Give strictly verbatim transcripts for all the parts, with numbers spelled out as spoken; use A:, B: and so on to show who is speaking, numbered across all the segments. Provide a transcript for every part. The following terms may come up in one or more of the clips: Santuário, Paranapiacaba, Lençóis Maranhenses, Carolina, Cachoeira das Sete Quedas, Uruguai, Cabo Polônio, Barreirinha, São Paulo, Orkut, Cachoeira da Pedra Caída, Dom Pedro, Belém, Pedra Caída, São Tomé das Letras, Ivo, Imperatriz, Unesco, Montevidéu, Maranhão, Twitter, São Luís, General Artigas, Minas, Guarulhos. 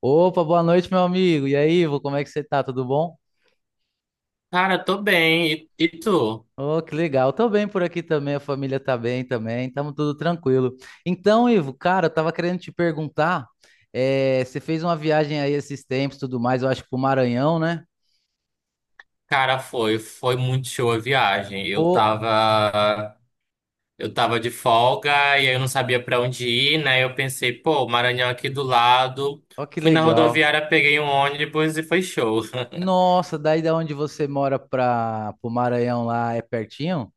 A: Opa, boa noite, meu amigo. E aí, Ivo, como é que você tá? Tudo bom?
B: Cara, tô bem. E, e tu?
A: Oh, que legal. Tô bem por aqui também, a família tá bem também, estamos tudo tranquilo. Então, Ivo, cara, eu tava querendo te perguntar, eh, você fez uma viagem aí esses tempos, tudo mais, eu acho que pro Maranhão, né?
B: Cara, foi, foi muito show a viagem. Eu
A: Pô,
B: tava, eu tava de folga e aí eu não sabia pra onde ir, né? Eu pensei, pô, Maranhão aqui do lado.
A: ó que
B: Fui na
A: legal.
B: rodoviária, peguei um ônibus e foi show.
A: Nossa, daí da onde você mora para pro Maranhão lá é pertinho?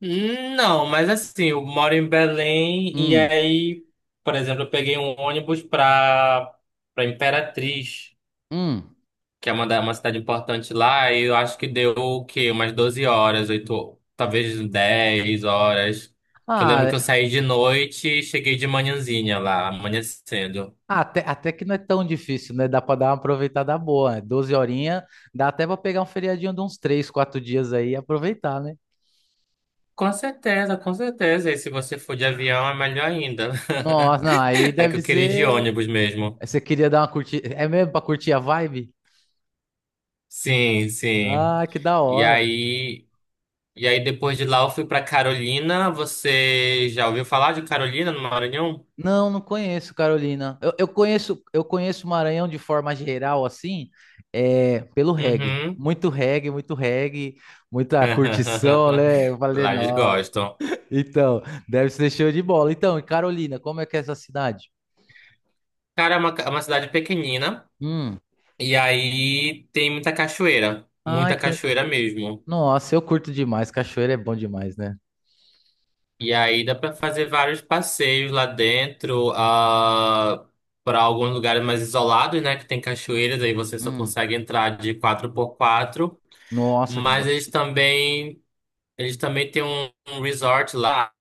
B: Não, mas assim, eu moro em Belém e
A: Hum,
B: aí, por exemplo, eu peguei um ônibus pra, pra Imperatriz.
A: hum.
B: Que é uma, da- uma cidade importante lá, e eu acho que deu o quê? Umas doze horas, oito, talvez dez horas. Que eu lembro que eu
A: Ah,
B: saí de noite e cheguei de manhãzinha lá, amanhecendo.
A: Ah, Até, até que não é tão difícil, né? Dá para dar uma aproveitada boa, né? doze horinhas, dá até para pegar um feriadinho de uns três quatro dias aí e aproveitar, né?
B: Com certeza, com certeza. E se você for de avião, é melhor ainda.
A: Nossa, não, aí
B: É que
A: deve
B: eu queria ir de
A: ser.
B: ônibus mesmo.
A: Você queria dar uma curtida. É mesmo pra curtir a vibe?
B: Sim, sim.
A: Ah, que da
B: E
A: hora.
B: aí, e aí depois de lá eu fui pra Carolina. Você já ouviu falar de Carolina no Maranhão?
A: Não, não conheço, Carolina. Eu, eu conheço, eu conheço Maranhão de forma geral, assim, é, pelo reggae.
B: Uhum.
A: Muito reggae, muito reggae, muita curtição, né? Eu falei,
B: Lá eles
A: nossa.
B: gostam.
A: Então, deve ser show de bola. Então, e Carolina, como é que é essa cidade?
B: Cara, é uma, é uma cidade pequenina
A: Hum.
B: e aí tem muita cachoeira,
A: Ai,
B: muita
A: que legal.
B: cachoeira mesmo.
A: Nossa, eu curto demais. Cachoeira é bom demais, né?
B: E aí dá pra fazer vários passeios lá dentro, ah, para alguns lugares mais isolados, né, que tem cachoeiras, aí você só
A: Hum.
B: consegue entrar de quatro por quatro.
A: Nossa, que.
B: Mas
A: do-
B: eles também eles também têm um, um resort lá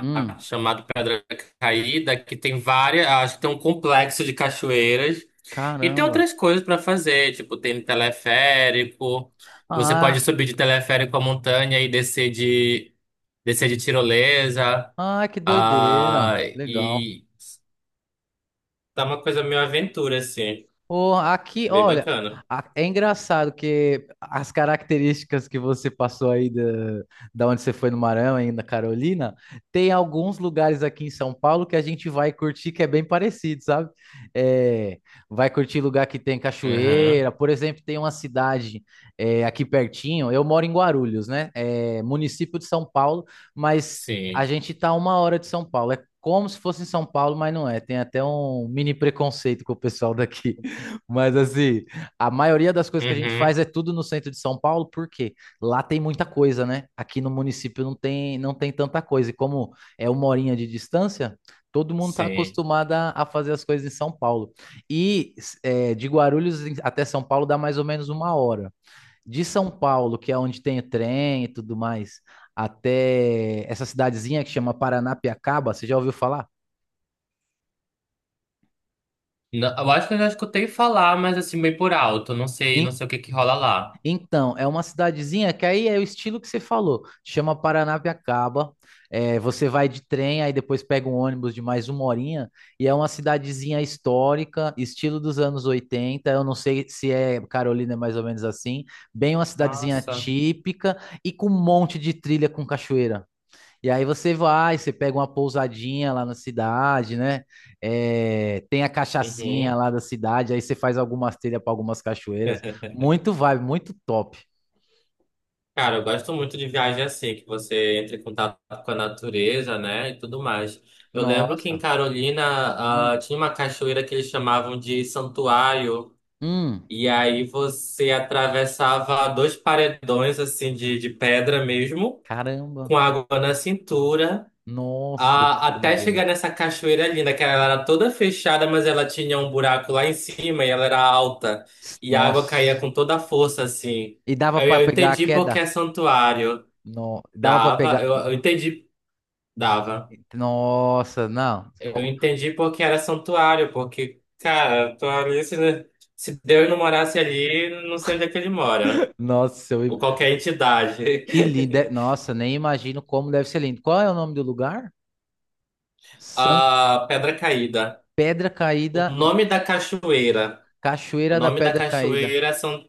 A: Hum.
B: chamado Pedra Caída, que tem várias, acho que tem um complexo de cachoeiras. E tem
A: Caramba.
B: outras coisas para fazer, tipo, tem teleférico. Você
A: Ah,
B: pode subir de teleférico a montanha e descer de descer de tirolesa.
A: ah, que doideira.
B: Ah,
A: Que legal.
B: e tá uma coisa meio aventura assim,
A: Pô, aqui,
B: bem
A: olha,
B: bacana.
A: a- é engraçado que as características que você passou aí da, da onde você foi no Maranhão, aí na Carolina, tem alguns lugares aqui em São Paulo que a gente vai curtir que é bem parecido, sabe? É, vai curtir lugar que tem
B: Uhum,
A: cachoeira, por exemplo, tem uma cidade é, aqui pertinho, eu moro em Guarulhos, né? É município de São Paulo, mas a
B: sim.
A: gente tá a uma hora de São Paulo, é como se fosse em São Paulo, mas não é. Tem até um mini preconceito com o pessoal daqui. Mas assim, a maioria das coisas que a gente
B: Uhum,
A: faz é tudo no centro de São Paulo, porque lá tem muita coisa, né? Aqui no município não tem, não tem tanta coisa. E como é uma horinha de distância, todo mundo está
B: sim.
A: acostumado a a fazer as coisas em São Paulo. E é, de Guarulhos em- até São Paulo dá mais ou menos uma hora. De São Paulo, que é onde tem o trem e tudo mais, até essa cidadezinha que chama Paranapiacaba, você já ouviu falar?
B: Não, eu acho que eu já escutei falar, mas assim bem por alto, não sei, não
A: In-
B: sei o que que rola lá.
A: Então, é uma cidadezinha que aí é o estilo que você falou, chama Paranapiacaba. É, você vai de trem, aí depois pega um ônibus de mais uma horinha, e é uma cidadezinha histórica, estilo dos anos oitenta. Eu não sei se é Carolina, é mais ou menos assim. Bem, uma cidadezinha
B: Nossa.
A: típica e com um monte de trilha com cachoeira. E aí você vai, você pega uma pousadinha lá na cidade, né? É, tem a cachaçinha
B: Uhum.
A: lá da cidade, aí você faz algumas trilhas para algumas cachoeiras. Muito vibe, muito top.
B: Cara, eu gosto muito de viagem assim, que você entra em contato com a natureza, né, e tudo mais. Eu lembro que em
A: Nossa.
B: Carolina, ah,
A: Hum,
B: tinha uma cachoeira que eles chamavam de Santuário,
A: hum,
B: e aí você atravessava dois paredões, assim, de, de pedra mesmo,
A: caramba.
B: com água na cintura,
A: Nossa,
B: ah,
A: que
B: até
A: doideira.
B: chegar nessa cachoeira linda, que ela era toda fechada, mas ela tinha um buraco lá em cima e ela era alta, e a água caía
A: Nossa.
B: com toda a força, assim.
A: E dava
B: Aí
A: para
B: eu
A: pegar a
B: entendi porque
A: queda?
B: é santuário.
A: Não, dava para
B: Dava,
A: pegar.
B: eu, eu entendi, dava.
A: Nossa, não.
B: Eu
A: Co-
B: entendi porque era santuário, porque, cara, tô ali, se, se Deus não morasse ali, não sei onde é que ele mora.
A: Nossa, eu... im-
B: Ou qualquer entidade.
A: que lindo. é- Nossa, nem imagino como deve ser lindo. Qual é o nome do lugar? San
B: A Pedra Caída.
A: Pedra
B: O
A: Caída.
B: nome da cachoeira. O
A: Cachoeira da
B: nome da
A: Pedra Caída.
B: cachoeira são.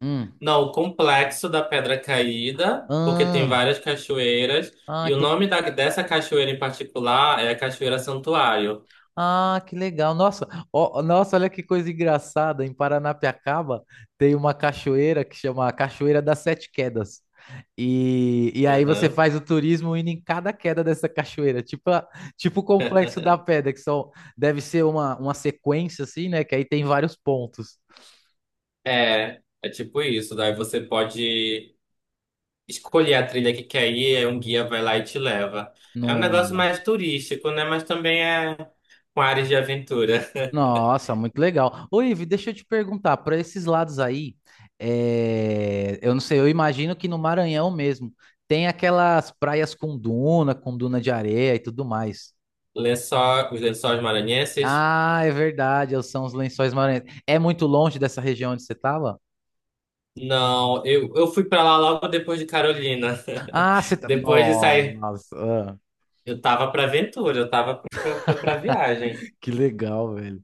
A: Hum.
B: Não, o complexo da Pedra Caída, porque tem
A: Ah,
B: várias cachoeiras.
A: ah,
B: E o
A: que,
B: nome da, dessa cachoeira em particular é a Cachoeira Santuário.
A: ah, que legal. Nossa, ó, nossa, olha que coisa engraçada. Em Paranapiacaba tem uma cachoeira que chama Cachoeira das Sete Quedas. E, e aí você
B: Aham.
A: faz o turismo indo em cada queda dessa cachoeira, tipo, a- tipo o Complexo da Pedra, que são, deve ser uma, uma sequência assim, né? Que aí tem vários pontos.
B: É, é tipo isso. Daí você pode escolher a trilha que quer ir, aí um guia vai lá e te leva. É um negócio
A: Nossa.
B: mais turístico, né? Mas também é com áreas de aventura.
A: Nossa, muito legal. Ô, Ivi, deixa eu te perguntar, para esses lados aí, é, eu não sei, eu imagino que no Maranhão mesmo tem aquelas praias com duna, com duna de areia e tudo mais.
B: Lençóis, os Lençóis Maranhenses?
A: Ah, é verdade, são os Lençóis Maranhenses. É muito longe dessa região onde você tava?
B: Não, eu, eu fui pra lá logo depois de Carolina.
A: Ah, você tá.
B: Depois de sair,
A: Nossa, ah,
B: eu tava pra aventura, eu tava pra, pra, pra viagem.
A: que legal, velho.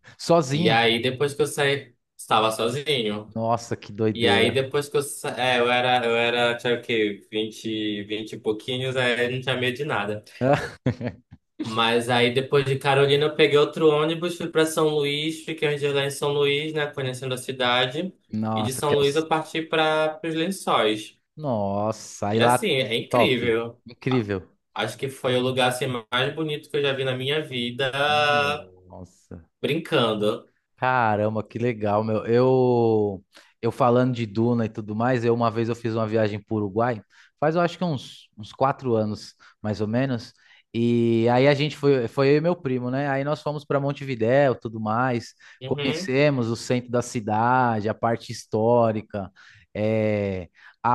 B: E
A: Sozinho?
B: aí, depois que eu saí, estava sozinho.
A: Nossa, que
B: E aí
A: doideira.
B: depois que eu, sa- é, eu era, eu era, tinha o quê? Vinte 20 e pouquinhos, aí eu não tinha medo de nada. Mas aí depois de Carolina eu peguei outro ônibus, fui para São Luís, fiquei uns dias lá em São Luís, né, conhecendo a cidade. E de
A: Nossa, que
B: São
A: é o...
B: Luís eu parti para os Lençóis.
A: Nossa, aí
B: E
A: lá,
B: assim, é
A: top.
B: incrível.
A: Incrível.
B: Acho que foi o lugar assim, mais bonito que eu já vi na minha vida,
A: Nossa.
B: brincando.
A: Caramba, que legal, meu. Eu, eu falando de Duna e tudo mais, eu uma vez eu fiz uma viagem para o Uruguai, faz eu acho que uns, uns quatro anos, mais ou menos. E aí a gente foi, foi eu e meu primo, né? Aí nós fomos para Montevidéu, tudo mais,
B: Uhum.
A: conhecemos o centro da cidade, a parte histórica, é, a,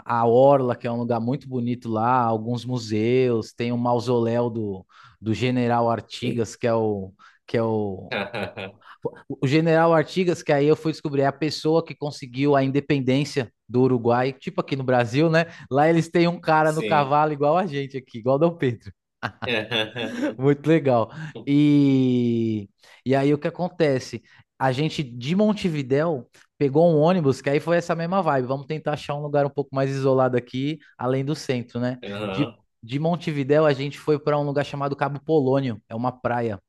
A: a, a Orla, que é um lugar muito bonito lá, alguns museus, tem o mausoléu do, do General Artigas, que é o que é o, o general Artigas, que aí eu fui descobrir, é a pessoa que conseguiu a independência do Uruguai, tipo aqui no Brasil, né? Lá eles têm um cara no
B: Sim.
A: cavalo igual a gente aqui, igual Dom Pedro. Muito legal. E, e aí o que acontece? A gente de Montevidéu pegou um ônibus, que aí foi essa mesma vibe. Vamos tentar achar um lugar um pouco mais isolado aqui, além do centro, né? De,
B: Uhum.
A: de Montevidéu a gente foi para um lugar chamado Cabo Polônio, é uma praia.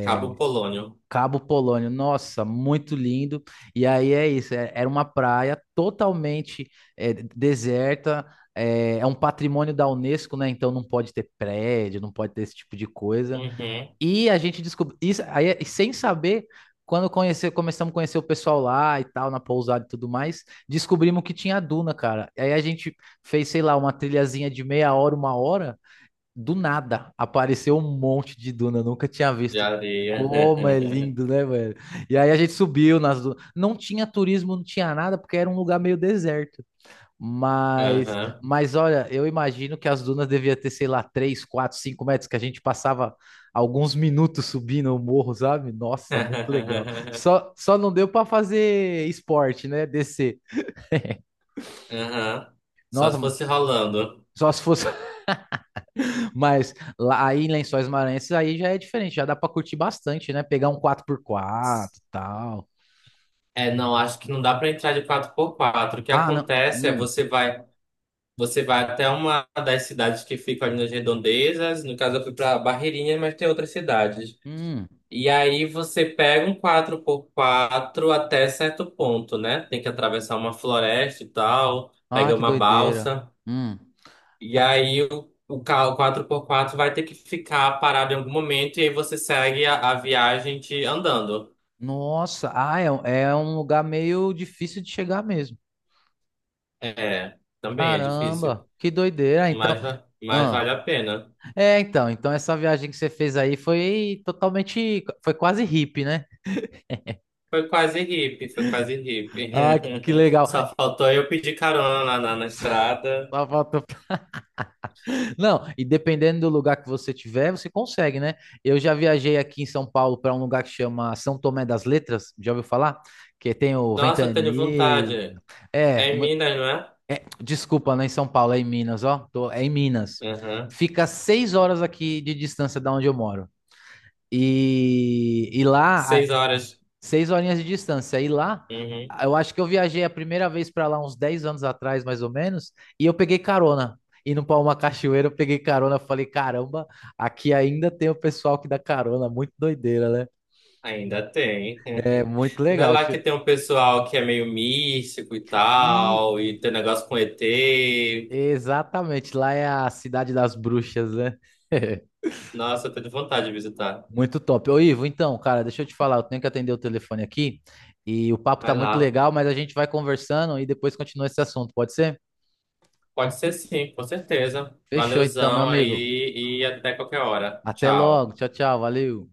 B: Cabo Polônio.
A: Cabo Polônio, nossa, muito lindo. E aí é isso, é- era uma praia totalmente é, deserta, é, é um patrimônio da Unesco, né? Então não pode ter prédio, não pode ter esse tipo de coisa.
B: Uhum.
A: E a gente descobriu isso aí, é- sem saber, quando conhecer, começamos a conhecer o pessoal lá e tal, na pousada e tudo mais, descobrimos que tinha duna, cara. Aí a gente fez, sei lá, uma trilhazinha de meia hora, uma hora do nada apareceu um monte de duna, eu nunca tinha
B: De
A: visto.
B: areia.
A: Como é lindo, né, velho? E aí a gente subiu nas dunas. Não tinha turismo, não tinha nada, porque era um lugar meio deserto. Mas,
B: Aham.
A: mas olha, eu imagino que as dunas devia ter, sei lá, três, quatro, cinco metros, que a gente passava alguns minutos subindo o morro, sabe? Nossa, muito legal. Só, só não deu para fazer esporte, né? Descer.
B: Aham. Só
A: Nossa,
B: se fosse rolando.
A: só se fosse. Mas lá aí em Lençóis Maranhenses aí já é diferente, já dá pra curtir bastante, né? Pegar um quatro por quatro e tal.
B: É, não, acho que não dá para entrar de quatro por quatro. O que
A: Ah, não.
B: acontece é
A: Hum,
B: você vai, você vai até uma das cidades que ficam ali nas redondezas. No caso, eu fui para Barreirinha, mas tem outras cidades.
A: hum.
B: E aí você pega um quatro por quatro até certo ponto, né? Tem que atravessar uma floresta e tal,
A: Ah,
B: pega
A: que
B: uma
A: doideira.
B: balsa.
A: Hum.
B: E aí o, o carro quatro por quatro vai ter que ficar parado em algum momento e aí você segue a, a viagem de andando.
A: Nossa, ah, é, um- é um lugar meio difícil de chegar mesmo.
B: É, também é difícil,
A: Caramba, que doideira. Então,
B: mas, va- mas
A: ah.
B: vale a pena.
A: É, então, então essa viagem que você fez aí foi totalmente, foi quase hippie, né?
B: Foi quase hippie, foi quase hippie.
A: Ah, que legal.
B: Só faltou eu pedir carona na, na na estrada.
A: Só faltou. Não, e dependendo do lugar que você tiver, você consegue, né? Eu já viajei aqui em São Paulo para um lugar que chama São Tomé das Letras, já ouviu falar? Que tem o
B: Nossa, eu tenho
A: Ventani.
B: vontade.
A: É,
B: É em
A: mu-
B: Minas, não é?
A: é, desculpa, não é em São Paulo, é em Minas, ó. Tô- é em Minas.
B: Aham.
A: Fica seis horas aqui de distância da onde eu moro. E, e lá.
B: Seis horas.
A: Seis horinhas de distância. E lá,
B: Uhum.
A: eu acho que eu viajei a primeira vez para lá uns dez anos atrás, mais ou menos, e eu peguei carona. Indo para uma cachoeira, eu peguei carona. Falei, caramba, aqui ainda tem o pessoal que dá carona. Muito doideira, né?
B: Ainda tem.
A: É muito
B: Não é
A: legal.
B: lá que
A: Che-
B: tem um pessoal que é meio místico e
A: E
B: tal, e tem negócio com E T.
A: exatamente, lá é a cidade das bruxas, né?
B: Nossa, eu tô de vontade de visitar.
A: Muito top. Ô, Ivo, então, cara, deixa eu te falar, eu tenho que atender o telefone aqui e o papo tá
B: Vai
A: muito
B: lá.
A: legal, mas a gente vai conversando e depois continua esse assunto, pode ser?
B: Pode ser sim, com certeza.
A: Fechou então, meu
B: Valeuzão
A: amigo.
B: aí e até qualquer hora.
A: Até logo.
B: Tchau.
A: Tchau, tchau. Valeu.